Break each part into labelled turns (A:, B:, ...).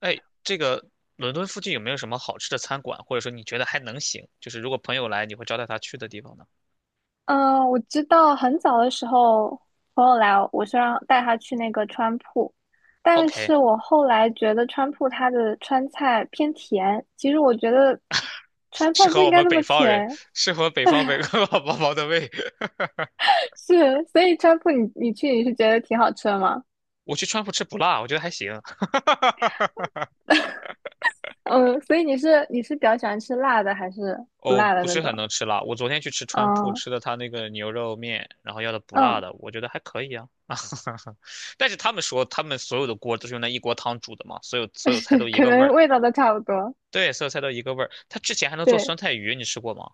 A: 哎，这个伦敦附近有没有什么好吃的餐馆，或者说你觉得还能行，就是如果朋友来，你会招待他去的地方呢
B: 嗯，我知道很早的时候，朋友来，我是让带他去那个川铺，但
A: ？OK，
B: 是我后来觉得川铺它的川菜偏甜，其实我觉得川菜
A: 适
B: 不
A: 合
B: 应
A: 我
B: 该
A: 们
B: 那么
A: 北方人，
B: 甜。
A: 适合北方宝宝的胃。
B: 是，所以川铺你觉得挺好吃的吗？
A: 我去川普吃不辣，我觉得还行。
B: 嗯，所以你是比较喜欢吃辣的还是不
A: 哦，
B: 辣的
A: 不
B: 那
A: 是很
B: 种？
A: 能吃辣。我昨天去吃川普，
B: 嗯
A: 吃的他那个牛肉面，然后要的不辣
B: 嗯。
A: 的，我觉得还可以啊。但是他们说他们所有的锅都是用那一锅汤煮的嘛，所有 所有菜
B: 是，
A: 都一
B: 可
A: 个味
B: 能
A: 儿。
B: 味道都差不多。
A: 对，所有菜都一个味儿。他之前还能做
B: 对，
A: 酸菜鱼，你吃过吗？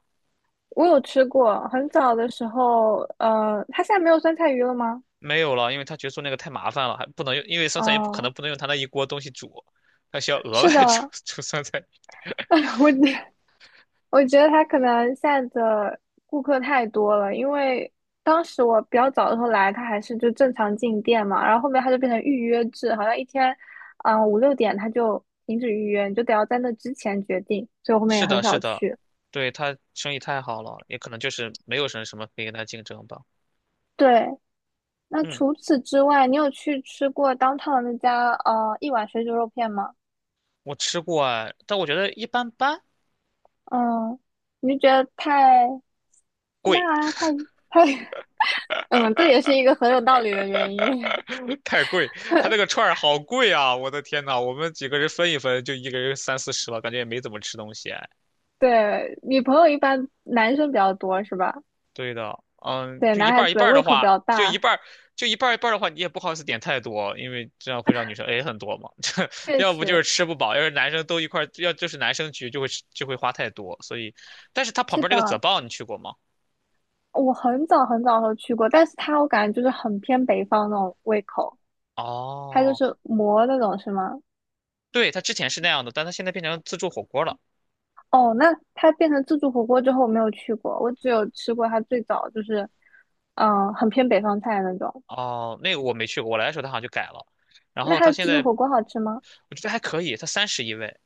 B: 我有吃过，很早的时候，它现在没有酸菜鱼了吗？
A: 没有了，因为他觉得做那个太麻烦了，还不能用，因为酸菜也不可
B: 哦。
A: 能不能用他那一锅东西煮，他需要额
B: 是
A: 外 煮
B: 的。
A: 煮酸菜。
B: 我觉我觉得他可能现在的顾客太多了。因为当时我比较早的时候来，他还是就正常进店嘛，然后后面他就变成预约制，好像一天，5、6点他就停止预约，你就得要在那之前决定，所以我后面也
A: 是
B: 很
A: 的，是
B: 少
A: 的，
B: 去。
A: 对，他生意太好了，也可能就是没有什么什么可以跟他竞争吧。
B: 对，那
A: 嗯，
B: 除此之外，你有去吃过当 o 的那家一碗水煮肉片吗？
A: 我吃过哎，但我觉得一般般，
B: 嗯，你就觉得太辣
A: 贵，
B: 啊，太，嗯，这也是一个很有道理的原因。
A: 太贵，他那 个串儿好贵啊！我的天呐，我们几个人分一分就一个人三四十了，感觉也没怎么吃东西。
B: 对，女朋友一般男生比较多是吧？
A: 对的，嗯，
B: 对，
A: 就
B: 男
A: 一
B: 孩
A: 半儿一
B: 子
A: 半儿
B: 胃
A: 的
B: 口比
A: 话，
B: 较大，
A: 就一半儿一半儿的话，你也不好意思点太多，因为这样会让女生 A 很多嘛。
B: 确
A: 这要不就
B: 实
A: 是吃不饱，要是男生都一块儿要就是男生局就会花太多。所以，但是他旁
B: 是
A: 边那个泽
B: 的。
A: 棒你去过吗？
B: 我很早很早的时候去过，但是他我感觉就是很偏北方那种胃口，他就
A: 哦，
B: 是馍那种是吗？
A: 对，他之前是那样的，但他现在变成自助火锅了。
B: 哦，那他变成自助火锅之后我没有去过，我只有吃过他最早就是，很偏北方菜那种。
A: 哦，那个我没去过，我来的时候他好像就改了。然
B: 那
A: 后
B: 他
A: 他现
B: 自助
A: 在
B: 火锅好吃吗？
A: 我觉得还可以，他31位。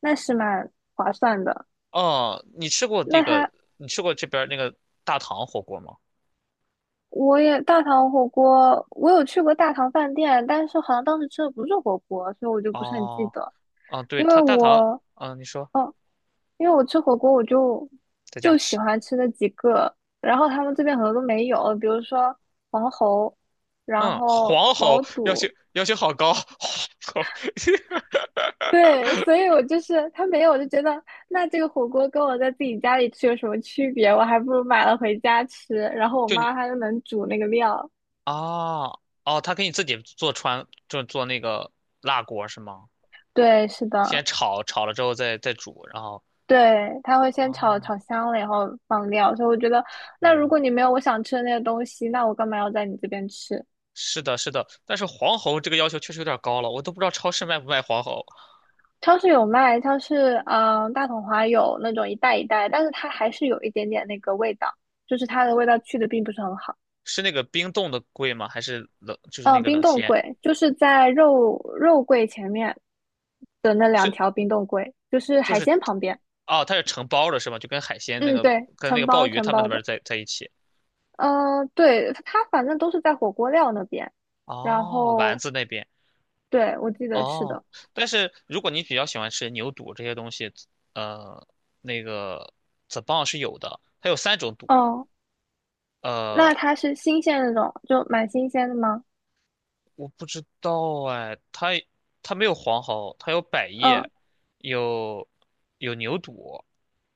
B: 那是蛮划算的。
A: 哦，你吃过
B: 那
A: 那个？
B: 他
A: 你吃过这边儿那个大唐火锅吗？
B: 我也大唐火锅，我有去过大唐饭店，但是好像当时吃的不是火锅，所以我就不是很记
A: 哦，
B: 得。
A: 啊，对，
B: 因为
A: 他大唐，
B: 我
A: 啊，你说
B: 因为我吃火锅，我就
A: 在家
B: 就喜
A: 吃，
B: 欢吃那几个，然后他们这边很多都没有，比如说黄喉，然
A: 嗯，
B: 后
A: 黄
B: 毛
A: 喉要求
B: 肚。
A: 要求好高，黄喉
B: 对，所以我就是他没有，我就觉得，那这个火锅跟我在自己家里吃有什么区别？我还不如买了回家吃，然后我
A: 就你
B: 妈她就能煮那个料。
A: 啊，哦，他给你自己做川，就做那个辣锅是吗？
B: 对，是
A: 先
B: 的。
A: 炒，炒了之后再煮，然后，
B: 对，它会先炒
A: 哦，
B: 炒香了，然后放料。所以我觉得，那如
A: 天
B: 果
A: 呐，
B: 你没有我想吃的那些东西，那我干嘛要在你这边吃？
A: 是的，是的，但是黄喉这个要求确实有点高了，我都不知道超市卖不卖黄喉，
B: 超市有卖，超市嗯、呃大统华有那种一袋一袋，但是它还是有一点点那个味道，就是它的味道去的并不是很好。
A: 是那个冰冻的贵吗？还是冷，就是那
B: 嗯、
A: 个
B: 冰
A: 冷
B: 冻
A: 鲜？
B: 柜就是在肉柜前面的那两
A: 是
B: 条冰冻柜，就是
A: 就
B: 海
A: 是，
B: 鲜旁边。
A: 哦，它是成包的是吗？就跟海鲜那
B: 嗯，
A: 个
B: 对，
A: 跟那
B: 承
A: 个
B: 包
A: 鲍鱼
B: 承
A: 他们
B: 包
A: 那
B: 的。
A: 边在一起。
B: 嗯、对，它反正都是在火锅料那边。然
A: 哦，丸
B: 后
A: 子那边
B: 对，我记得是
A: 哦，
B: 的。
A: 但是如果你比较喜欢吃牛肚这些东西，呃，那个 ZBA 是有的，它有三种肚，
B: 哦，那
A: 呃，
B: 它是新鲜的那种，就蛮新鲜的吗？
A: 我不知道哎，它没有黄喉，它有百
B: 嗯
A: 叶，有有牛肚，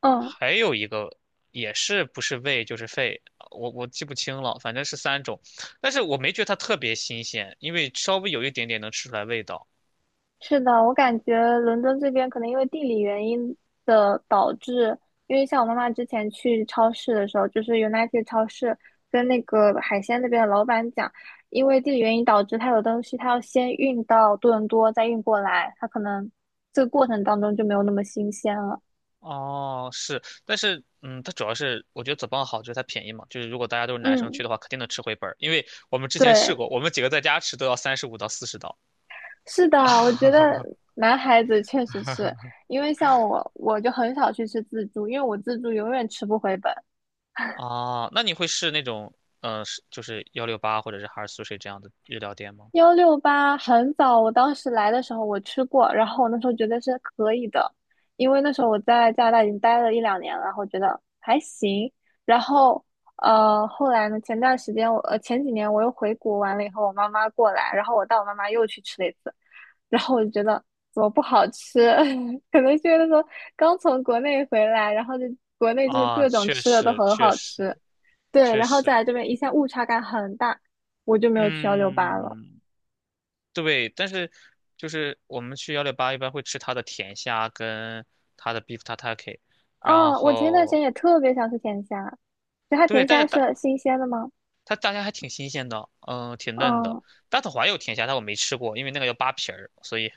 B: 嗯，
A: 还有一个也是不是胃就是肺，我记不清了，反正是三种，但是我没觉得它特别新鲜，因为稍微有一点点能吃出来味道。
B: 是的。我感觉伦敦这边可能因为地理原因的导致，因为像我妈妈之前去超市的时候，就是 United 超市跟那个海鲜那边的老板讲，因为地理原因导致它有东西它要先运到多伦多再运过来，它可能这个过程当中就没有那么新鲜了。
A: 哦，是，但是，嗯，它主要是我觉得 z 邦好，就是它便宜嘛，就是如果大家都是男生去
B: 嗯，
A: 的话，肯定能吃回本儿，因为我们之前试
B: 对。
A: 过，我们几个在家吃都要35到40刀。
B: 是的，我觉得 男孩子确实是，因为像我，我就很少去吃自助，因为我自助永远吃不回本。
A: 啊，那你会试那种，是就是幺六八或者是哈尔苏水这样的日料店吗？
B: 幺六八很早，我当时来的时候我吃过，然后我那时候觉得是可以的，因为那时候我在加拿大已经待了1、2年了，然后觉得还行。然后后来呢，前段时间前几年我又回国完了以后，我妈妈过来，然后我带我妈妈又去吃了一次，然后我就觉得怎么不好吃。可能是因为那时候刚从国内回来，然后国内就是
A: 啊，
B: 各种
A: 确
B: 吃的都
A: 实，
B: 很
A: 确
B: 好吃。
A: 实，
B: 对，
A: 确
B: 然后
A: 实，
B: 再来这边一下误差感很大，我就没有去幺六八了。
A: 嗯，对，但是就是我们去幺六八一般会吃它的甜虾跟它的 beef tataki，然
B: 哦，我前段时间
A: 后
B: 也特别想吃甜虾，就它
A: 对，
B: 甜
A: 但是
B: 虾是新鲜的吗？
A: 它大虾还挺新鲜的，嗯，挺嫩的。
B: 嗯，
A: 大头华有甜虾，但我没吃过，因为那个要扒皮儿，所以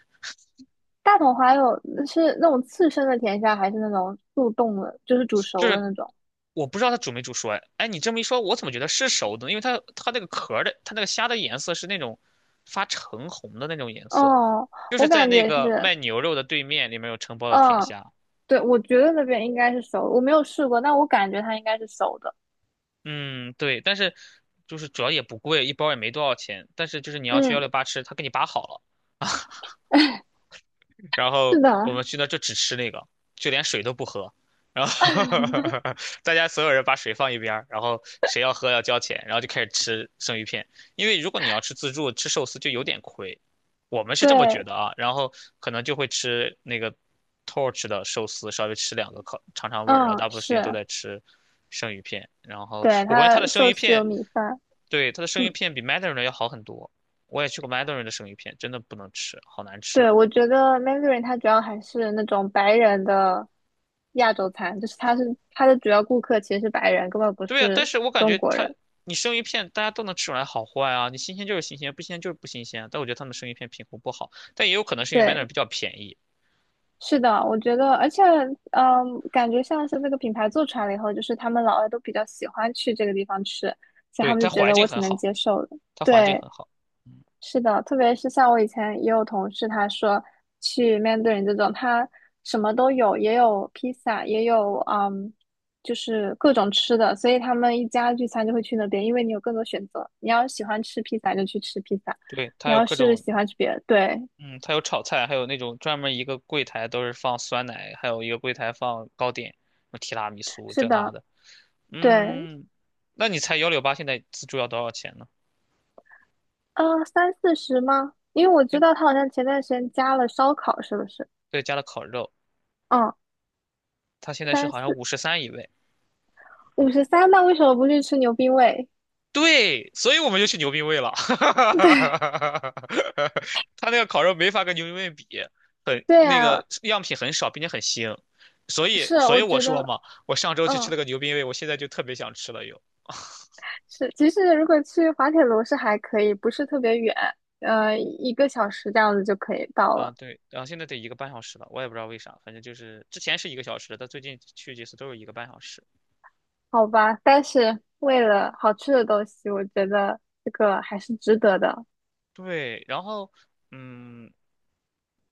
B: 大统还有是那种刺身的甜虾，还是那种速冻的，就是煮
A: 就
B: 熟的
A: 是
B: 那种？
A: 我不知道它煮没煮熟。哎，哎，你这么一说，我怎么觉得是熟的呢因为它那个壳儿的，它那个虾的颜色是那种发橙红的那种颜色，
B: 哦，
A: 就
B: 我
A: 是在
B: 感
A: 那
B: 觉
A: 个
B: 是，
A: 卖牛肉的对面里面有承包的甜
B: 嗯，
A: 虾。
B: 对，我觉得那边应该是熟的，我没有试过，但我感觉它应该是熟的。
A: 嗯，对，但是就是主要也不贵，一包也没多少钱。但是就是你要去幺
B: 嗯。
A: 六八吃，他给你扒好了。然
B: 是
A: 后我
B: 的，
A: 们去那儿就只吃那个，就连水都不喝。然后 大家所有人把水放一边儿然后谁要喝要交钱，然后就开始吃生鱼片。因为如果你要吃自助吃寿司就有点亏，我们是这么觉
B: 对，
A: 得啊。然后可能就会吃那个 Torch 的寿司，稍微吃两个烤尝尝味儿，然后
B: 嗯，
A: 大部分时间都
B: 是，
A: 在吃生鱼片。然后
B: 对，
A: 我感觉它
B: 它
A: 的生
B: 寿
A: 鱼
B: 司有
A: 片，
B: 米饭。
A: 对，它的生鱼
B: 嗯，
A: 片比 Mandarin 的要好很多。我也去过 Mandarin 的生鱼片，真的不能吃，好难吃。
B: 对，我觉得 Mandarin 它主要还是那种白人的亚洲餐，就是它是它的主要顾客其实是白人，根本不
A: 对呀，但
B: 是
A: 是我感
B: 中
A: 觉
B: 国
A: 它，
B: 人。
A: 你生鱼片大家都能吃出来好坏啊，你新鲜就是新鲜，不新鲜就是不新鲜。但我觉得他们生鱼片品控不好，但也有可能是因为买
B: 对，
A: 点比较便宜。
B: 是的，我觉得，而且，嗯，感觉像是这个品牌做出来了以后，就是他们老外都比较喜欢去这个地方吃，所以他
A: 对，
B: 们就
A: 它
B: 觉
A: 环
B: 得
A: 境
B: 我挺
A: 很
B: 能
A: 好，
B: 接受的。
A: 它环境
B: 对，
A: 很好。嗯，
B: 是的，特别是像我以前也有同事，他说去面对人这种，他什么都有，也有披萨，也有就是各种吃的，所以他们一家聚餐就会去那边，因为你有更多选择。你要是喜欢吃披萨就去吃披萨，
A: 对，
B: 你
A: 它有
B: 要
A: 各
B: 是
A: 种，
B: 喜欢吃别的，对，
A: 嗯，它有炒菜，还有那种专门一个柜台都是放酸奶，还有一个柜台放糕点，什么提拉米苏
B: 是
A: 这那
B: 的，
A: 的。
B: 对。
A: 嗯，那你猜幺六八现在自助要多少钱呢？
B: 三四十吗？因为我知
A: 现
B: 道他好像前段时间加了烧烤，是不是？
A: 对，加了烤肉，
B: 嗯，
A: 它现在是
B: 三
A: 好像
B: 四
A: 53一位。
B: 五十三，五十三，那为什么不去吃牛逼味？
A: 对，所以我们就去牛逼味了。
B: 对，
A: 他那个烤肉没法跟牛逼味比，很
B: 对
A: 那
B: 呀，
A: 个样品很少，并且很腥。所以，
B: 是，
A: 所
B: 我
A: 以我
B: 觉
A: 说
B: 得。
A: 嘛，我上周去吃
B: 嗯，
A: 了个牛逼味，我现在就特别想吃了又。
B: 是，其实如果去滑铁卢是还可以，不是特别远，1个小时这样子就可以到
A: 啊，
B: 了，
A: 对，然后现在得一个半小时了，我也不知道为啥，反正就是之前是一个小时，但最近去几次都是一个半小时。
B: 好吧？但是为了好吃的东西，我觉得这个还是值得的。
A: 对，然后，嗯，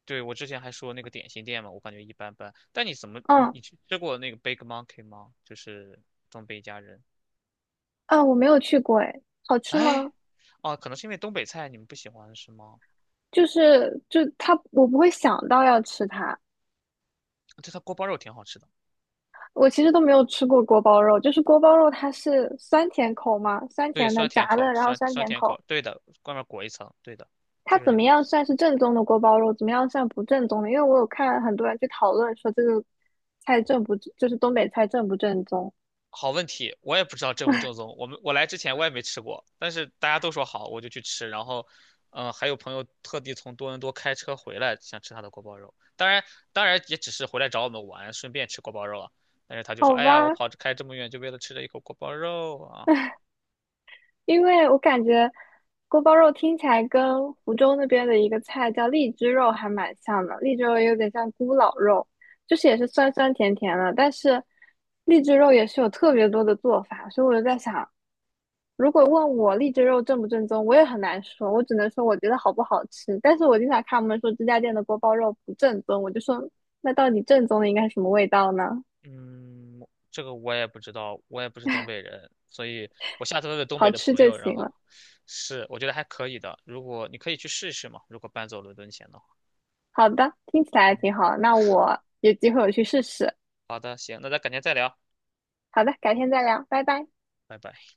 A: 对，我之前还说那个点心店嘛，我感觉一般般。但你怎么，你
B: 嗯，
A: 你去吃过那个 Big Monkey 吗？就是东北一家人。
B: 啊，我没有去过，哎，好吃
A: 哎，
B: 吗？
A: 哦，可能是因为东北菜你们不喜欢是吗？
B: 就是就它，我不会想到要吃它。
A: 对，它锅包肉挺好吃的。
B: 我其实都没有吃过锅包肉，就是锅包肉它是酸甜口嘛，酸
A: 对，
B: 甜的
A: 酸甜
B: 炸
A: 口
B: 的，
A: 儿
B: 然后
A: 酸
B: 酸
A: 酸
B: 甜
A: 甜口
B: 口。
A: 儿对的，外面裹一层，对的，
B: 它
A: 就是
B: 怎
A: 那
B: 么
A: 个东
B: 样
A: 西。
B: 算是正宗的锅包肉，怎么样算不正宗的？因为我有看很多人去讨论说这个菜正不，就是东北菜正不正宗？
A: 好问题，我也不知道正不正宗。我来之前我也没吃过，但是大家都说好，我就去吃。然后，还有朋友特地从多伦多开车回来，想吃他的锅包肉。当然，当然也只是回来找我们玩，顺便吃锅包肉啊。但是他就说：
B: 好
A: “哎呀，我
B: 吧，
A: 跑着开这么远，就为了吃这一口锅包肉啊。”
B: 因为我感觉锅包肉听起来跟湖州那边的一个菜叫荔枝肉还蛮像的，荔枝肉有点像咕咾肉，就是也是酸酸甜甜的，但是荔枝肉也是有特别多的做法，所以我就在想，如果问我荔枝肉正不正宗，我也很难说，我只能说我觉得好不好吃。但是我经常看他们说这家店的锅包肉不正宗，我就说那到底正宗的应该什么味道呢？
A: 嗯，这个我也不知道，我也不是东北人，所以我下次问问东
B: 好
A: 北的
B: 吃
A: 朋
B: 就
A: 友，然
B: 行
A: 后
B: 了。
A: 是，我觉得还可以的。如果你可以去试一试嘛，如果搬走伦敦前的话。
B: 好的，听起来
A: 嗯，
B: 挺好，那我有机会我去试试。
A: 好的，行，那咱改天再聊，
B: 好的，改天再聊，拜拜。
A: 拜拜。